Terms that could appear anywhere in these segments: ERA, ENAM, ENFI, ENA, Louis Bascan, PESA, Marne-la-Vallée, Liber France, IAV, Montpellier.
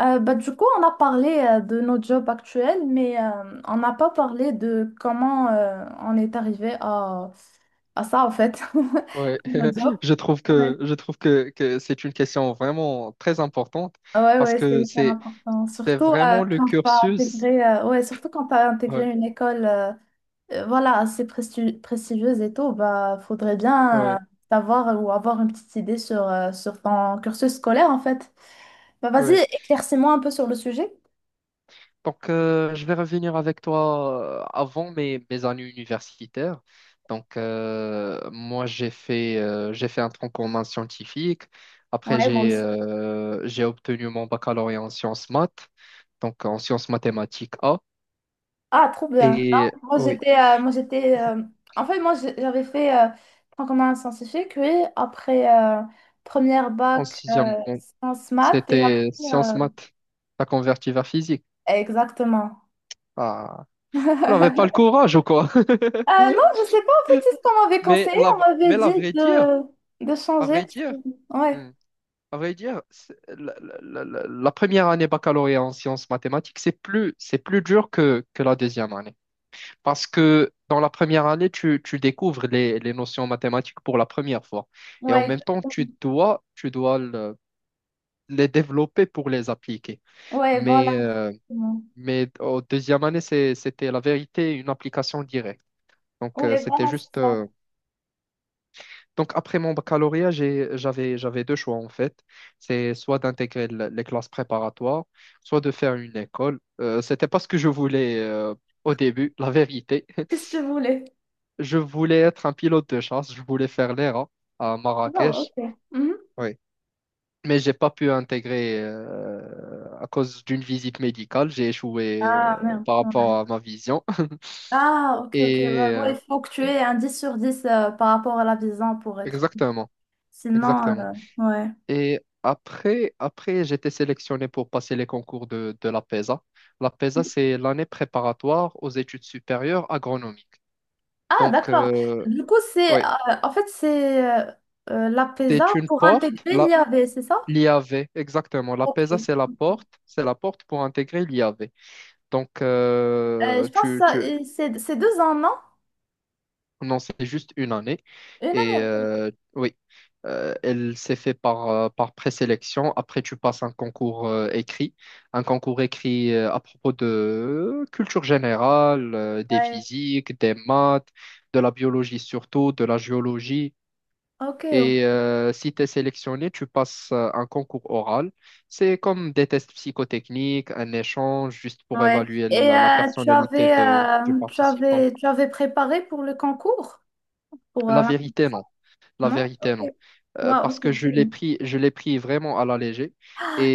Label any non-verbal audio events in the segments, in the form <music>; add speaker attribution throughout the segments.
Speaker 1: Bah, du coup, on a parlé de nos jobs actuels, mais on n'a pas parlé de comment on est arrivé à ça, en fait,
Speaker 2: Ouais,
Speaker 1: <laughs> nos jobs.
Speaker 2: <laughs> je trouve
Speaker 1: Ouais,
Speaker 2: que je trouve que, que c'est une question vraiment très importante
Speaker 1: ouais,
Speaker 2: parce
Speaker 1: ouais, c'est
Speaker 2: que
Speaker 1: hyper
Speaker 2: c'est
Speaker 1: important.
Speaker 2: c'est
Speaker 1: Surtout
Speaker 2: vraiment le
Speaker 1: quand tu as
Speaker 2: cursus.
Speaker 1: intégré, ouais, surtout quand tu
Speaker 2: Ouais,
Speaker 1: intégré une école voilà, assez prestigieuse et tout, bah, faudrait bien
Speaker 2: ouais,
Speaker 1: savoir ou avoir une petite idée sur ton cursus scolaire, en fait. Bah, vas-y,
Speaker 2: ouais.
Speaker 1: éclaircis-moi un peu sur le sujet.
Speaker 2: Donc, je vais revenir avec toi avant mes années universitaires. Donc, moi j'ai fait un tronc commun scientifique. Après
Speaker 1: Ouais, moi
Speaker 2: j'ai
Speaker 1: aussi.
Speaker 2: euh, j'ai obtenu mon baccalauréat en sciences maths, donc en sciences mathématiques A.
Speaker 1: Ah, trop bien.
Speaker 2: Et
Speaker 1: Non, moi,
Speaker 2: oui,
Speaker 1: j'étais... moi, j'étais. En fait, moi, j'avais fait franc commun scientifique, oui, après première
Speaker 2: en
Speaker 1: bac
Speaker 2: sixième,
Speaker 1: sciences maths et après...
Speaker 2: c'était sciences
Speaker 1: euh,
Speaker 2: maths. T'as converti vers physique.
Speaker 1: Exactement.
Speaker 2: Ah, on n'avait pas le
Speaker 1: <laughs>
Speaker 2: courage ou quoi?
Speaker 1: Non,
Speaker 2: <laughs>
Speaker 1: je sais pas, en fait, c'est ce qu'on m'avait
Speaker 2: Mais
Speaker 1: conseillé.
Speaker 2: la,
Speaker 1: On m'avait
Speaker 2: mais la
Speaker 1: dit
Speaker 2: vraie dire,
Speaker 1: de
Speaker 2: à
Speaker 1: changer,
Speaker 2: vrai dire,
Speaker 1: Ouais,
Speaker 2: hmm, à vrai dire, la première année baccalauréat en sciences mathématiques, c'est plus dur que la deuxième année. Parce que dans la première année, tu découvres les notions mathématiques pour la première fois. Et en
Speaker 1: ouais,
Speaker 2: même temps,
Speaker 1: exactement.
Speaker 2: tu dois les développer pour les appliquer.
Speaker 1: Ouais, voilà,
Speaker 2: Mais euh,
Speaker 1: exactement.
Speaker 2: Mais au deuxième année, c'était la vérité, une application directe. Donc,
Speaker 1: Ouais,
Speaker 2: c'était
Speaker 1: voilà, c'est
Speaker 2: juste.
Speaker 1: ça.
Speaker 2: Donc, après mon baccalauréat, j'avais deux choix, en fait. C'est soit d'intégrer les classes préparatoires, soit de faire une école. C'était pas ce que je voulais au début, la vérité.
Speaker 1: Qu'est-ce que tu
Speaker 2: <laughs>
Speaker 1: voulais?
Speaker 2: Je voulais être un pilote de chasse, je voulais faire l'ERA à
Speaker 1: Non,
Speaker 2: Marrakech.
Speaker 1: ok. Mhm.
Speaker 2: Oui. Mais j'ai pas pu intégrer à cause d'une visite médicale. J'ai échoué
Speaker 1: Ah, merde.
Speaker 2: par rapport
Speaker 1: Ouais.
Speaker 2: à ma vision. <laughs>
Speaker 1: Ah, ok, ok. Ouais,
Speaker 2: Et
Speaker 1: ouais,
Speaker 2: euh,
Speaker 1: il faut que tu aies un 10/10 par rapport à la vision pour être.
Speaker 2: Exactement,
Speaker 1: Sinon,
Speaker 2: exactement.
Speaker 1: ouais.
Speaker 2: Et après j'ai été sélectionné pour passer les concours de la PESA. La PESA, c'est l'année préparatoire aux études supérieures agronomiques.
Speaker 1: Ah,
Speaker 2: Donc,
Speaker 1: d'accord.
Speaker 2: euh,
Speaker 1: Du coup, c'est
Speaker 2: oui,
Speaker 1: en fait, c'est euh, la PESA
Speaker 2: c'est une
Speaker 1: pour
Speaker 2: porte,
Speaker 1: intégrer l'IAV, c'est ça?
Speaker 2: l'IAV, exactement. La
Speaker 1: Ok.
Speaker 2: PESA, c'est la porte pour intégrer l'IAV. Donc, euh,
Speaker 1: Je pense que
Speaker 2: tu,
Speaker 1: ça,
Speaker 2: tu,
Speaker 1: et c'est 2 ans, non?
Speaker 2: Non, c'est juste une année.
Speaker 1: Une année, ok.
Speaker 2: Oui, elle s'est fait par présélection. Après, tu passes un concours écrit à propos de culture générale, des
Speaker 1: Ouais.
Speaker 2: physiques, des maths, de la biologie surtout, de la géologie.
Speaker 1: Ok, ok.
Speaker 2: Si tu es sélectionné, tu passes un concours oral. C'est comme des tests psychotechniques, un échange juste pour
Speaker 1: Ouais.
Speaker 2: évaluer
Speaker 1: Et
Speaker 2: la
Speaker 1: tu
Speaker 2: personnalité
Speaker 1: avais,
Speaker 2: du
Speaker 1: euh, tu
Speaker 2: participant.
Speaker 1: avais, tu avais préparé pour le concours? Pour
Speaker 2: La vérité,
Speaker 1: l'intégration?
Speaker 2: non. La
Speaker 1: Non?
Speaker 2: vérité, non.
Speaker 1: Ok. Wow,
Speaker 2: Parce
Speaker 1: ok,
Speaker 2: que je l'ai
Speaker 1: cool.
Speaker 2: pris, je l'ai pris vraiment à la légère.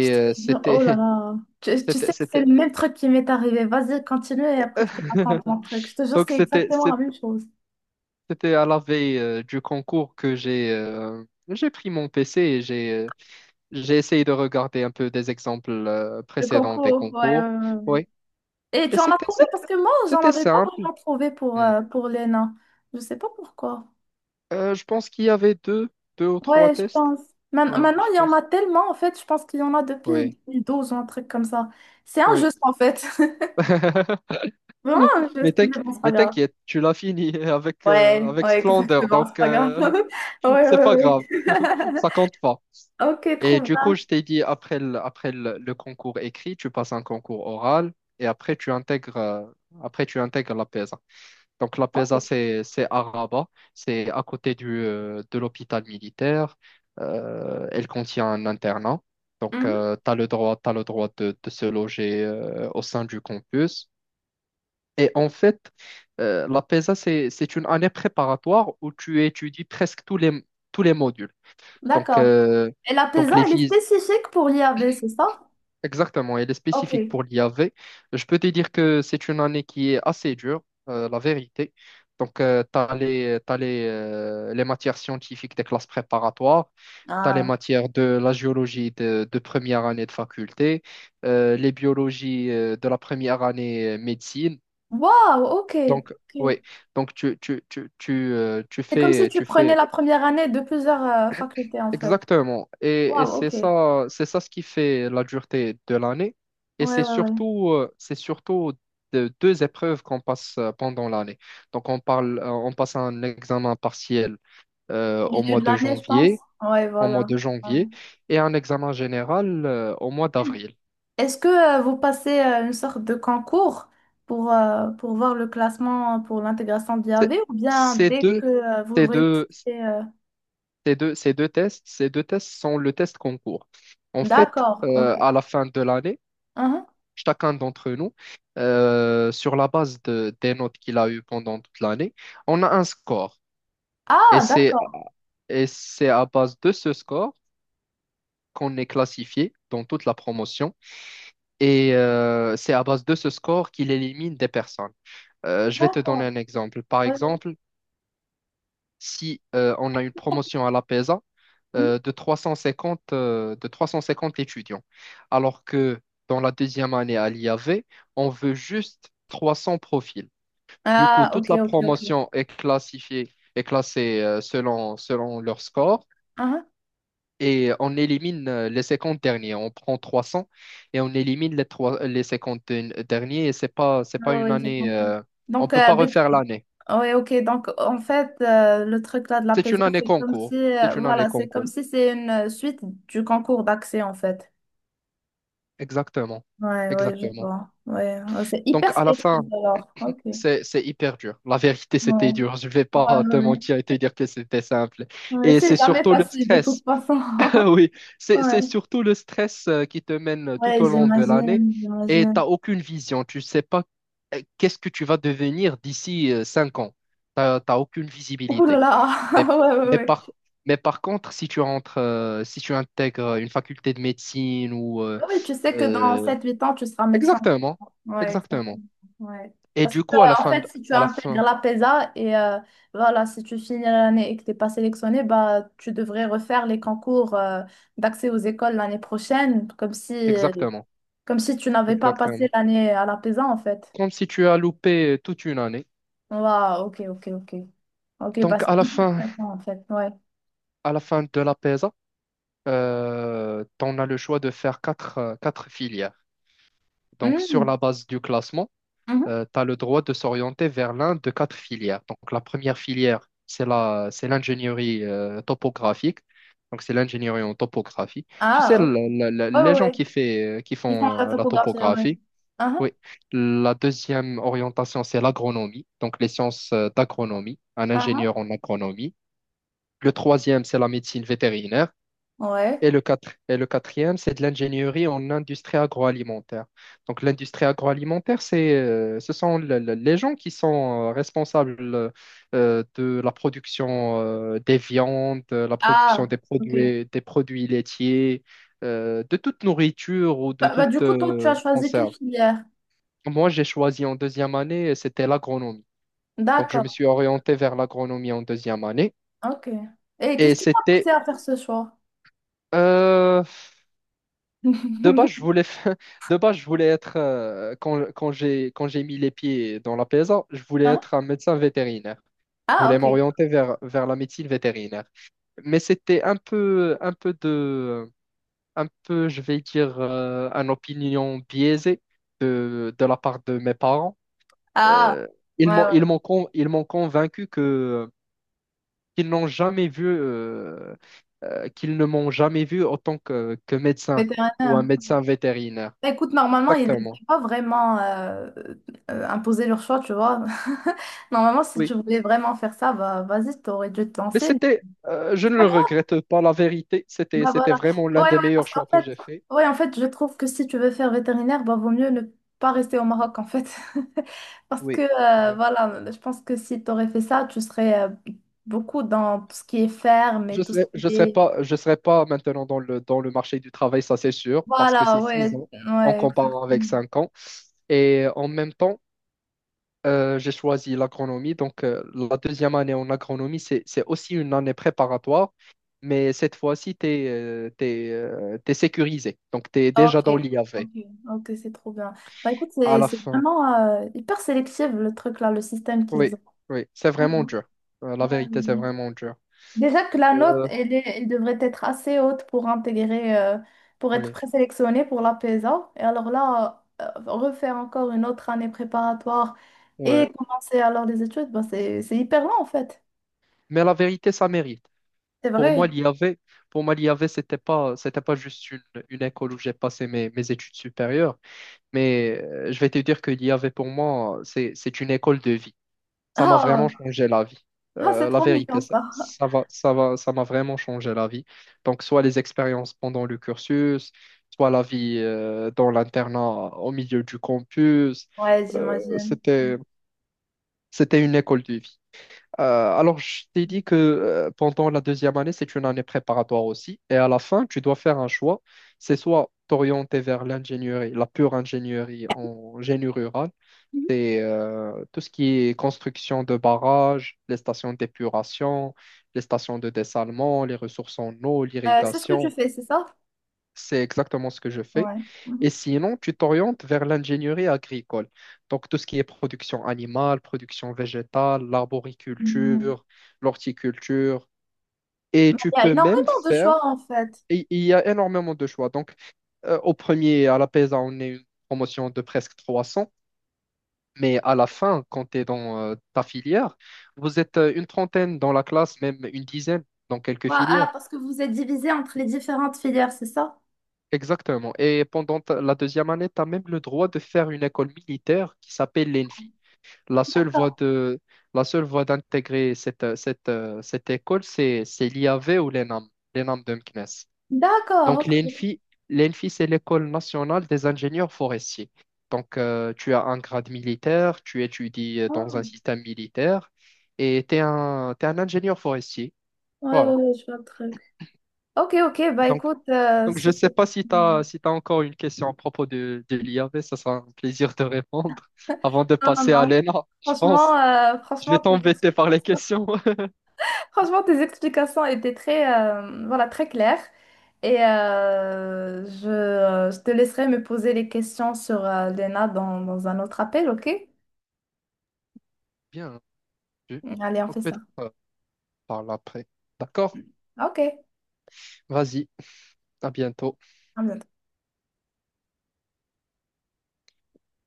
Speaker 1: Je
Speaker 2: euh,
Speaker 1: te jure,
Speaker 2: c'était,
Speaker 1: oh là là.
Speaker 2: <laughs>
Speaker 1: Tu sais
Speaker 2: c'était,
Speaker 1: que c'est
Speaker 2: c'était.
Speaker 1: le même truc qui m'est arrivé. Vas-y, continue et après je te raconte
Speaker 2: <laughs>
Speaker 1: mon truc. Je te jure,
Speaker 2: Donc,
Speaker 1: c'est
Speaker 2: c'était,
Speaker 1: exactement la
Speaker 2: c'est-
Speaker 1: même chose.
Speaker 2: C'était à la veille du concours que j'ai pris mon PC et j'ai essayé de regarder un peu des exemples
Speaker 1: Le
Speaker 2: précédents des
Speaker 1: concours, ouais, ouais,
Speaker 2: concours.
Speaker 1: ouais, ouais.
Speaker 2: Oui.
Speaker 1: Et
Speaker 2: Et
Speaker 1: tu en as
Speaker 2: c'était,
Speaker 1: trouvé
Speaker 2: c'était,
Speaker 1: parce que moi, j'en
Speaker 2: c'était
Speaker 1: avais pas
Speaker 2: simple.
Speaker 1: vraiment trouvé pour,
Speaker 2: Hmm.
Speaker 1: euh, pour l'ENA. Je sais pas pourquoi.
Speaker 2: Je pense qu'il y avait deux ou trois
Speaker 1: Ouais, je
Speaker 2: tests.
Speaker 1: pense.
Speaker 2: Hein,
Speaker 1: Maintenant,
Speaker 2: je
Speaker 1: il y en
Speaker 2: pense.
Speaker 1: a tellement, en fait, je pense qu'il y en a depuis
Speaker 2: Oui.
Speaker 1: 2012 ou un truc comme ça. C'est
Speaker 2: Oui.
Speaker 1: injuste, en fait. <laughs>
Speaker 2: <laughs>
Speaker 1: Vraiment
Speaker 2: <laughs> Mais
Speaker 1: injuste, mais
Speaker 2: t'inqui-
Speaker 1: bon, c'est pas
Speaker 2: mais
Speaker 1: grave.
Speaker 2: t'inquiète, tu l'as fini <laughs> avec,
Speaker 1: Ouais,
Speaker 2: avec
Speaker 1: ouais,
Speaker 2: splendeur,
Speaker 1: exactement, c'est pas grave. <laughs>
Speaker 2: <laughs>
Speaker 1: Ouais,
Speaker 2: c'est
Speaker 1: ouais,
Speaker 2: pas grave,
Speaker 1: ouais.
Speaker 2: <laughs> ça
Speaker 1: <laughs>
Speaker 2: compte pas.
Speaker 1: Ok, trop
Speaker 2: Et du
Speaker 1: bien.
Speaker 2: coup, je t'ai dit, après le concours écrit, tu passes un concours oral et après tu intègres la PESA. Donc la
Speaker 1: Ok.
Speaker 2: PESA, c'est à Rabat, c'est à côté de l'hôpital militaire. Elle contient un internat. Donc, tu
Speaker 1: Mhm.
Speaker 2: as le droit, t'as le droit de se loger au sein du campus. Et en fait, la PESA, c'est une année préparatoire où tu étudies presque tous les modules. Donc,
Speaker 1: D'accord.
Speaker 2: euh,
Speaker 1: Et la
Speaker 2: donc
Speaker 1: PESA,
Speaker 2: les
Speaker 1: elle est
Speaker 2: vies
Speaker 1: spécifique pour l'IAV, c'est ça?
Speaker 2: Exactement, elle est
Speaker 1: Ok.
Speaker 2: spécifique pour l'IAV. Je peux te dire que c'est une année qui est assez dure, la vérité. Donc, t'as les les matières scientifiques des classes préparatoires, tu as les
Speaker 1: Ah.
Speaker 2: matières de la géologie de première année de faculté, les biologies de la première année médecine.
Speaker 1: Waouh, ok.
Speaker 2: Donc,
Speaker 1: Ok.
Speaker 2: oui, donc tu,
Speaker 1: C'est comme si tu
Speaker 2: tu
Speaker 1: prenais
Speaker 2: fais
Speaker 1: la première année de plusieurs facultés, en fait.
Speaker 2: exactement. Et
Speaker 1: Waouh, ok. Ouais,
Speaker 2: c'est ça ce qui fait la dureté de l'année. Et
Speaker 1: ouais,
Speaker 2: c'est
Speaker 1: ouais.
Speaker 2: surtout, euh, c'est surtout de- deux épreuves qu'on passe pendant l'année. Donc, on passe un examen partiel
Speaker 1: Au
Speaker 2: au
Speaker 1: milieu
Speaker 2: mois
Speaker 1: de
Speaker 2: de
Speaker 1: l'année, je pense.
Speaker 2: janvier,
Speaker 1: Ouais,
Speaker 2: au mois
Speaker 1: voilà.
Speaker 2: de
Speaker 1: Ouais.
Speaker 2: janvier, et un examen général au mois d'avril.
Speaker 1: Est-ce que vous passez une sorte de concours pour voir le classement pour l'intégration de
Speaker 2: C'est-
Speaker 1: l'IAV ou bien
Speaker 2: Ces
Speaker 1: dès
Speaker 2: deux,
Speaker 1: que vous
Speaker 2: ces
Speaker 1: réussissez...
Speaker 2: deux,
Speaker 1: euh,
Speaker 2: Ces deux tests sont le test concours. En fait,
Speaker 1: D'accord, ok.
Speaker 2: à la fin de l'année,
Speaker 1: Mhm.
Speaker 2: chacun d'entre nous, sur la base des notes qu'il a eues pendant toute l'année, on a un score. Et
Speaker 1: Ah,
Speaker 2: c'est,
Speaker 1: d'accord,
Speaker 2: et c'est à base de ce score qu'on est classifié dans toute la promotion. C'est à base de ce score qu'il élimine des personnes. Je vais te donner
Speaker 1: d'accord.
Speaker 2: un exemple. Par
Speaker 1: Ouais.
Speaker 2: exemple, si on a une promotion à la PESA, de 350, de 350 étudiants. Alors que dans la deuxième année à l'IAV, on veut juste 300 profils. Du coup,
Speaker 1: Ah,
Speaker 2: toute
Speaker 1: ok,
Speaker 2: la
Speaker 1: ok, ok.
Speaker 2: promotion est classée selon leur score,
Speaker 1: Ah,
Speaker 2: et on élimine les 50 derniers. On prend 300 et on élimine les cinquante derniers et c'est pas
Speaker 1: ah,
Speaker 2: une
Speaker 1: oui j'ai
Speaker 2: année,
Speaker 1: compris.
Speaker 2: on
Speaker 1: Donc,
Speaker 2: peut pas refaire l'année.
Speaker 1: ouais, ok. Donc, en fait, le truc là de la
Speaker 2: C'est
Speaker 1: PESA,
Speaker 2: une année
Speaker 1: c'est comme si,
Speaker 2: concours. C'est
Speaker 1: euh,
Speaker 2: une année
Speaker 1: voilà, c'est comme
Speaker 2: concours.
Speaker 1: si c'est une suite du concours d'accès, en fait.
Speaker 2: Exactement.
Speaker 1: Ouais, ouais, je
Speaker 2: Exactement.
Speaker 1: vois. Ouais, ouais, c'est
Speaker 2: Donc,
Speaker 1: hyper
Speaker 2: à la
Speaker 1: spécial
Speaker 2: fin,
Speaker 1: alors. Ok. Ouais,
Speaker 2: c'est hyper dur. La vérité,
Speaker 1: ouais,
Speaker 2: c'était dur. Je vais
Speaker 1: ouais.
Speaker 2: pas te
Speaker 1: Ouais,
Speaker 2: mentir et te dire que c'était simple.
Speaker 1: ouais,
Speaker 2: Et
Speaker 1: c'est
Speaker 2: c'est
Speaker 1: jamais
Speaker 2: surtout le
Speaker 1: facile de
Speaker 2: stress.
Speaker 1: toute façon.
Speaker 2: <laughs>
Speaker 1: <laughs>
Speaker 2: Oui, c'est,
Speaker 1: Ouais,
Speaker 2: c'est surtout le stress qui te mène tout
Speaker 1: ouais,
Speaker 2: au long de l'année
Speaker 1: j'imagine,
Speaker 2: et
Speaker 1: j'imagine.
Speaker 2: t'as aucune vision. Tu sais pas qu'est-ce que tu vas devenir d'ici 5 ans. T'as aucune
Speaker 1: Ouh là
Speaker 2: visibilité.
Speaker 1: là, <laughs>
Speaker 2: Mais,
Speaker 1: ouais, ouais,
Speaker 2: mais
Speaker 1: ouais.
Speaker 2: par, mais par contre, si tu intègres une faculté de médecine.
Speaker 1: Ah, oui, tu sais que dans
Speaker 2: Euh,
Speaker 1: sept huit ans, tu seras médecin.
Speaker 2: Exactement,
Speaker 1: Ouais, exactement.
Speaker 2: exactement.
Speaker 1: Ouais.
Speaker 2: Et
Speaker 1: Parce que,
Speaker 2: du coup, à la
Speaker 1: en
Speaker 2: fin,
Speaker 1: fait,
Speaker 2: de-
Speaker 1: si tu
Speaker 2: à la
Speaker 1: intègres
Speaker 2: fin,
Speaker 1: la PESA et voilà, si tu finis l'année et que tu n'es pas sélectionné, bah, tu devrais refaire les concours d'accès aux écoles l'année prochaine,
Speaker 2: Exactement,
Speaker 1: comme si tu n'avais pas passé
Speaker 2: exactement.
Speaker 1: l'année à la PESA, en fait.
Speaker 2: Comme si tu as loupé toute une année.
Speaker 1: Waouh, ok, ok, ok. Ok, bah,
Speaker 2: Donc
Speaker 1: c'est
Speaker 2: à la
Speaker 1: hyper
Speaker 2: fin,
Speaker 1: intéressant, en fait. Ouais.
Speaker 2: à la fin de la PESA, tu as le choix de faire quatre filières. Donc sur
Speaker 1: Mhm,
Speaker 2: la base du classement, tu
Speaker 1: mhm.
Speaker 2: as le droit de s'orienter vers l'un de quatre filières. Donc la première filière, c'est l'ingénierie topographique. Donc c'est l'ingénierie en topographie. Tu sais,
Speaker 1: Ah,
Speaker 2: le-
Speaker 1: ok.
Speaker 2: le- le-
Speaker 1: Ouais, ouais,
Speaker 2: les gens
Speaker 1: ouais.
Speaker 2: qui, fait, euh, qui
Speaker 1: Ils font la
Speaker 2: font euh, la
Speaker 1: topographie, ouais.
Speaker 2: topographie.
Speaker 1: Ah,
Speaker 2: Oui, la deuxième orientation, c'est l'agronomie, donc les sciences d'agronomie, un
Speaker 1: ah, ah.
Speaker 2: ingénieur en agronomie. Le troisième, c'est la médecine vétérinaire.
Speaker 1: Ouais.
Speaker 2: Et le quatrième, c'est de l'ingénierie en industrie agroalimentaire. Donc l'industrie agroalimentaire, ce sont les gens qui sont responsables de la production des viandes, de la production
Speaker 1: Ah,
Speaker 2: des
Speaker 1: ok.
Speaker 2: produits, des produits laitiers, de toute nourriture ou de
Speaker 1: Bah, du
Speaker 2: toute
Speaker 1: coup, toi, tu as choisi quelle
Speaker 2: conserve.
Speaker 1: filière?
Speaker 2: Moi, j'ai choisi en deuxième année, c'était l'agronomie. Donc, je
Speaker 1: D'accord,
Speaker 2: me suis orienté vers l'agronomie en deuxième année.
Speaker 1: ok. Et
Speaker 2: Et
Speaker 1: qu'est-ce qui t'a poussé
Speaker 2: c'était,
Speaker 1: à faire ce choix?
Speaker 2: euh, de base, je
Speaker 1: <laughs>
Speaker 2: voulais, fa- <laughs> De base, quand j'ai mis les pieds dans la PSA, je voulais
Speaker 1: Hein?
Speaker 2: être un médecin vétérinaire. Je
Speaker 1: Ah,
Speaker 2: voulais
Speaker 1: ok.
Speaker 2: m'orienter vers la médecine vétérinaire. Mais c'était un peu, je vais dire, une opinion biaisée de la part de mes parents.
Speaker 1: Ah,
Speaker 2: Euh, ils
Speaker 1: ouais,
Speaker 2: m'ont,
Speaker 1: ouais.
Speaker 2: ils m'ont con- ils m'ont convaincu que qu'ils n'ont jamais vu, qu'ils ne m'ont jamais vu en tant que médecin ou
Speaker 1: Vétérinaire.
Speaker 2: un médecin vétérinaire.
Speaker 1: Bah, écoute, normalement, ils ne
Speaker 2: Exactement.
Speaker 1: devraient pas vraiment imposer leur choix, tu vois. <laughs> Normalement, si
Speaker 2: Oui.
Speaker 1: tu voulais vraiment faire ça, bah, vas-y, tu aurais dû te
Speaker 2: Mais
Speaker 1: lancer.
Speaker 2: je ne le regrette pas, la vérité. C'était,
Speaker 1: Bah
Speaker 2: c'était
Speaker 1: voilà.
Speaker 2: vraiment l'un
Speaker 1: Ouais,
Speaker 2: des
Speaker 1: ouais, parce
Speaker 2: meilleurs
Speaker 1: qu'en
Speaker 2: choix que
Speaker 1: fait,
Speaker 2: j'ai fait.
Speaker 1: ouais, en fait, je trouve que si tu veux faire vétérinaire, bah vaut mieux ne pas rester au Maroc, en fait. <laughs> Parce que,
Speaker 2: Oui. Oui.
Speaker 1: voilà, je pense que si tu aurais fait ça, tu serais beaucoup dans tout ce qui est ferme et
Speaker 2: Je
Speaker 1: tout ce
Speaker 2: serais, je
Speaker 1: qui
Speaker 2: serais
Speaker 1: est...
Speaker 2: pas, je serais pas maintenant dans le marché du travail, ça c'est sûr, parce que
Speaker 1: Voilà,
Speaker 2: c'est six
Speaker 1: ouais,
Speaker 2: ans en
Speaker 1: ouais,
Speaker 2: comparant avec
Speaker 1: exactement.
Speaker 2: 5 ans. Et en même temps, j'ai choisi l'agronomie. Donc, la deuxième année en agronomie, c'est aussi une année préparatoire, mais cette fois-ci, tu es sécurisé. Donc, tu es
Speaker 1: Ok,
Speaker 2: déjà dans l'IAV
Speaker 1: ok, ok, c'est trop bien. Bah écoute,
Speaker 2: à
Speaker 1: c'est
Speaker 2: la
Speaker 1: c'est
Speaker 2: fin.
Speaker 1: vraiment hyper sélectif, le truc là, le système qu'ils
Speaker 2: Oui,
Speaker 1: ont.
Speaker 2: oui, c'est vraiment dur.
Speaker 1: Ouais.
Speaker 2: La
Speaker 1: Ouais.
Speaker 2: vérité, c'est vraiment dur.
Speaker 1: Déjà que la note,
Speaker 2: Euh,
Speaker 1: elle devrait être assez haute pour intégrer, pour être
Speaker 2: oui,
Speaker 1: présélectionnée pour la PESA. Et alors là, refaire encore une autre année préparatoire
Speaker 2: ouais.
Speaker 1: et commencer alors les études, bah, c'est hyper long en fait.
Speaker 2: Mais la vérité, ça mérite.
Speaker 1: C'est vrai.
Speaker 2: Pour moi, l'IAV, pour moi, l'IAV, c'était pas juste une école où j'ai passé mes études supérieures, mais je vais te dire que l'IAV, pour moi, c'est une école de vie. Ça m'a vraiment
Speaker 1: Ah,
Speaker 2: changé la vie.
Speaker 1: ah, c'est
Speaker 2: La
Speaker 1: trop
Speaker 2: vérité,
Speaker 1: mignon ça.
Speaker 2: ça m'a vraiment changé la vie. Donc, soit les expériences pendant le cursus, soit la vie dans l'internat au milieu du campus.
Speaker 1: Ouais,
Speaker 2: Euh,
Speaker 1: j'imagine.
Speaker 2: c'était, c'était une école de vie. Euh, alors, je t'ai dit que pendant la deuxième année, c'est une année préparatoire aussi. Et à la fin, tu dois faire un choix. C'est soit t'orienter vers l'ingénierie, la pure ingénierie en génie rural,
Speaker 1: Mhm.
Speaker 2: c'est tout ce qui est construction de barrages, les stations d'épuration, les stations de dessalement, les ressources en eau,
Speaker 1: C'est ce que tu
Speaker 2: l'irrigation.
Speaker 1: fais, c'est ça?
Speaker 2: C'est exactement ce que je fais.
Speaker 1: Ouais.
Speaker 2: Et
Speaker 1: Mhm.
Speaker 2: sinon, tu t'orientes vers l'ingénierie agricole. Donc, tout ce qui est production animale, production végétale,
Speaker 1: Mhm.
Speaker 2: l'arboriculture, l'horticulture. Et
Speaker 1: Mais
Speaker 2: tu
Speaker 1: il y a
Speaker 2: peux même
Speaker 1: énormément de
Speaker 2: faire,
Speaker 1: choix en fait.
Speaker 2: Et il y a énormément de choix. Donc, à la PESA, on est une promotion de presque 300. Mais à la fin, quand tu es dans ta filière, vous êtes une trentaine dans la classe, même une dizaine dans quelques
Speaker 1: Ouais, ah,
Speaker 2: filières.
Speaker 1: parce que vous êtes divisé entre les différentes filières, c'est ça?
Speaker 2: Exactement. Et pendant la deuxième année, tu as même le droit de faire une école militaire qui s'appelle l'ENFI. La seule voie
Speaker 1: D'accord.
Speaker 2: de, la seule voie d'intégrer cette école, c'est l'IAV ou l'ENAM, l'ENAM de Meknes. Donc,
Speaker 1: D'accord, ok.
Speaker 2: l'ENFI, c'est l'École nationale des ingénieurs forestiers. Donc, tu as un grade militaire, tu étudies dans un
Speaker 1: Ok.
Speaker 2: système militaire et t'es un ingénieur forestier.
Speaker 1: Ouais, ouais,
Speaker 2: Voilà.
Speaker 1: ouais, je vois le truc. Ok, ok, bah
Speaker 2: Donc,
Speaker 1: écoute,
Speaker 2: donc, je ne sais pas si si tu encore une question à propos de l'IAV, ça sera un plaisir de répondre <laughs> avant de
Speaker 1: Non, non,
Speaker 2: passer à
Speaker 1: non.
Speaker 2: l'ENA, je
Speaker 1: Franchement,
Speaker 2: pense.
Speaker 1: euh,
Speaker 2: Je vais
Speaker 1: franchement, tes
Speaker 2: t'embêter par les
Speaker 1: explications...
Speaker 2: questions. <laughs>
Speaker 1: <laughs> franchement, tes explications étaient très, voilà, très claires. Et je te laisserai me poser les questions sur Lena, dans un autre appel, ok?
Speaker 2: Bien, je-
Speaker 1: Allez, on fait
Speaker 2: donc
Speaker 1: ça.
Speaker 2: peut-être par après. D'accord?
Speaker 1: Ok, à
Speaker 2: Vas-y, à bientôt.
Speaker 1: bientôt.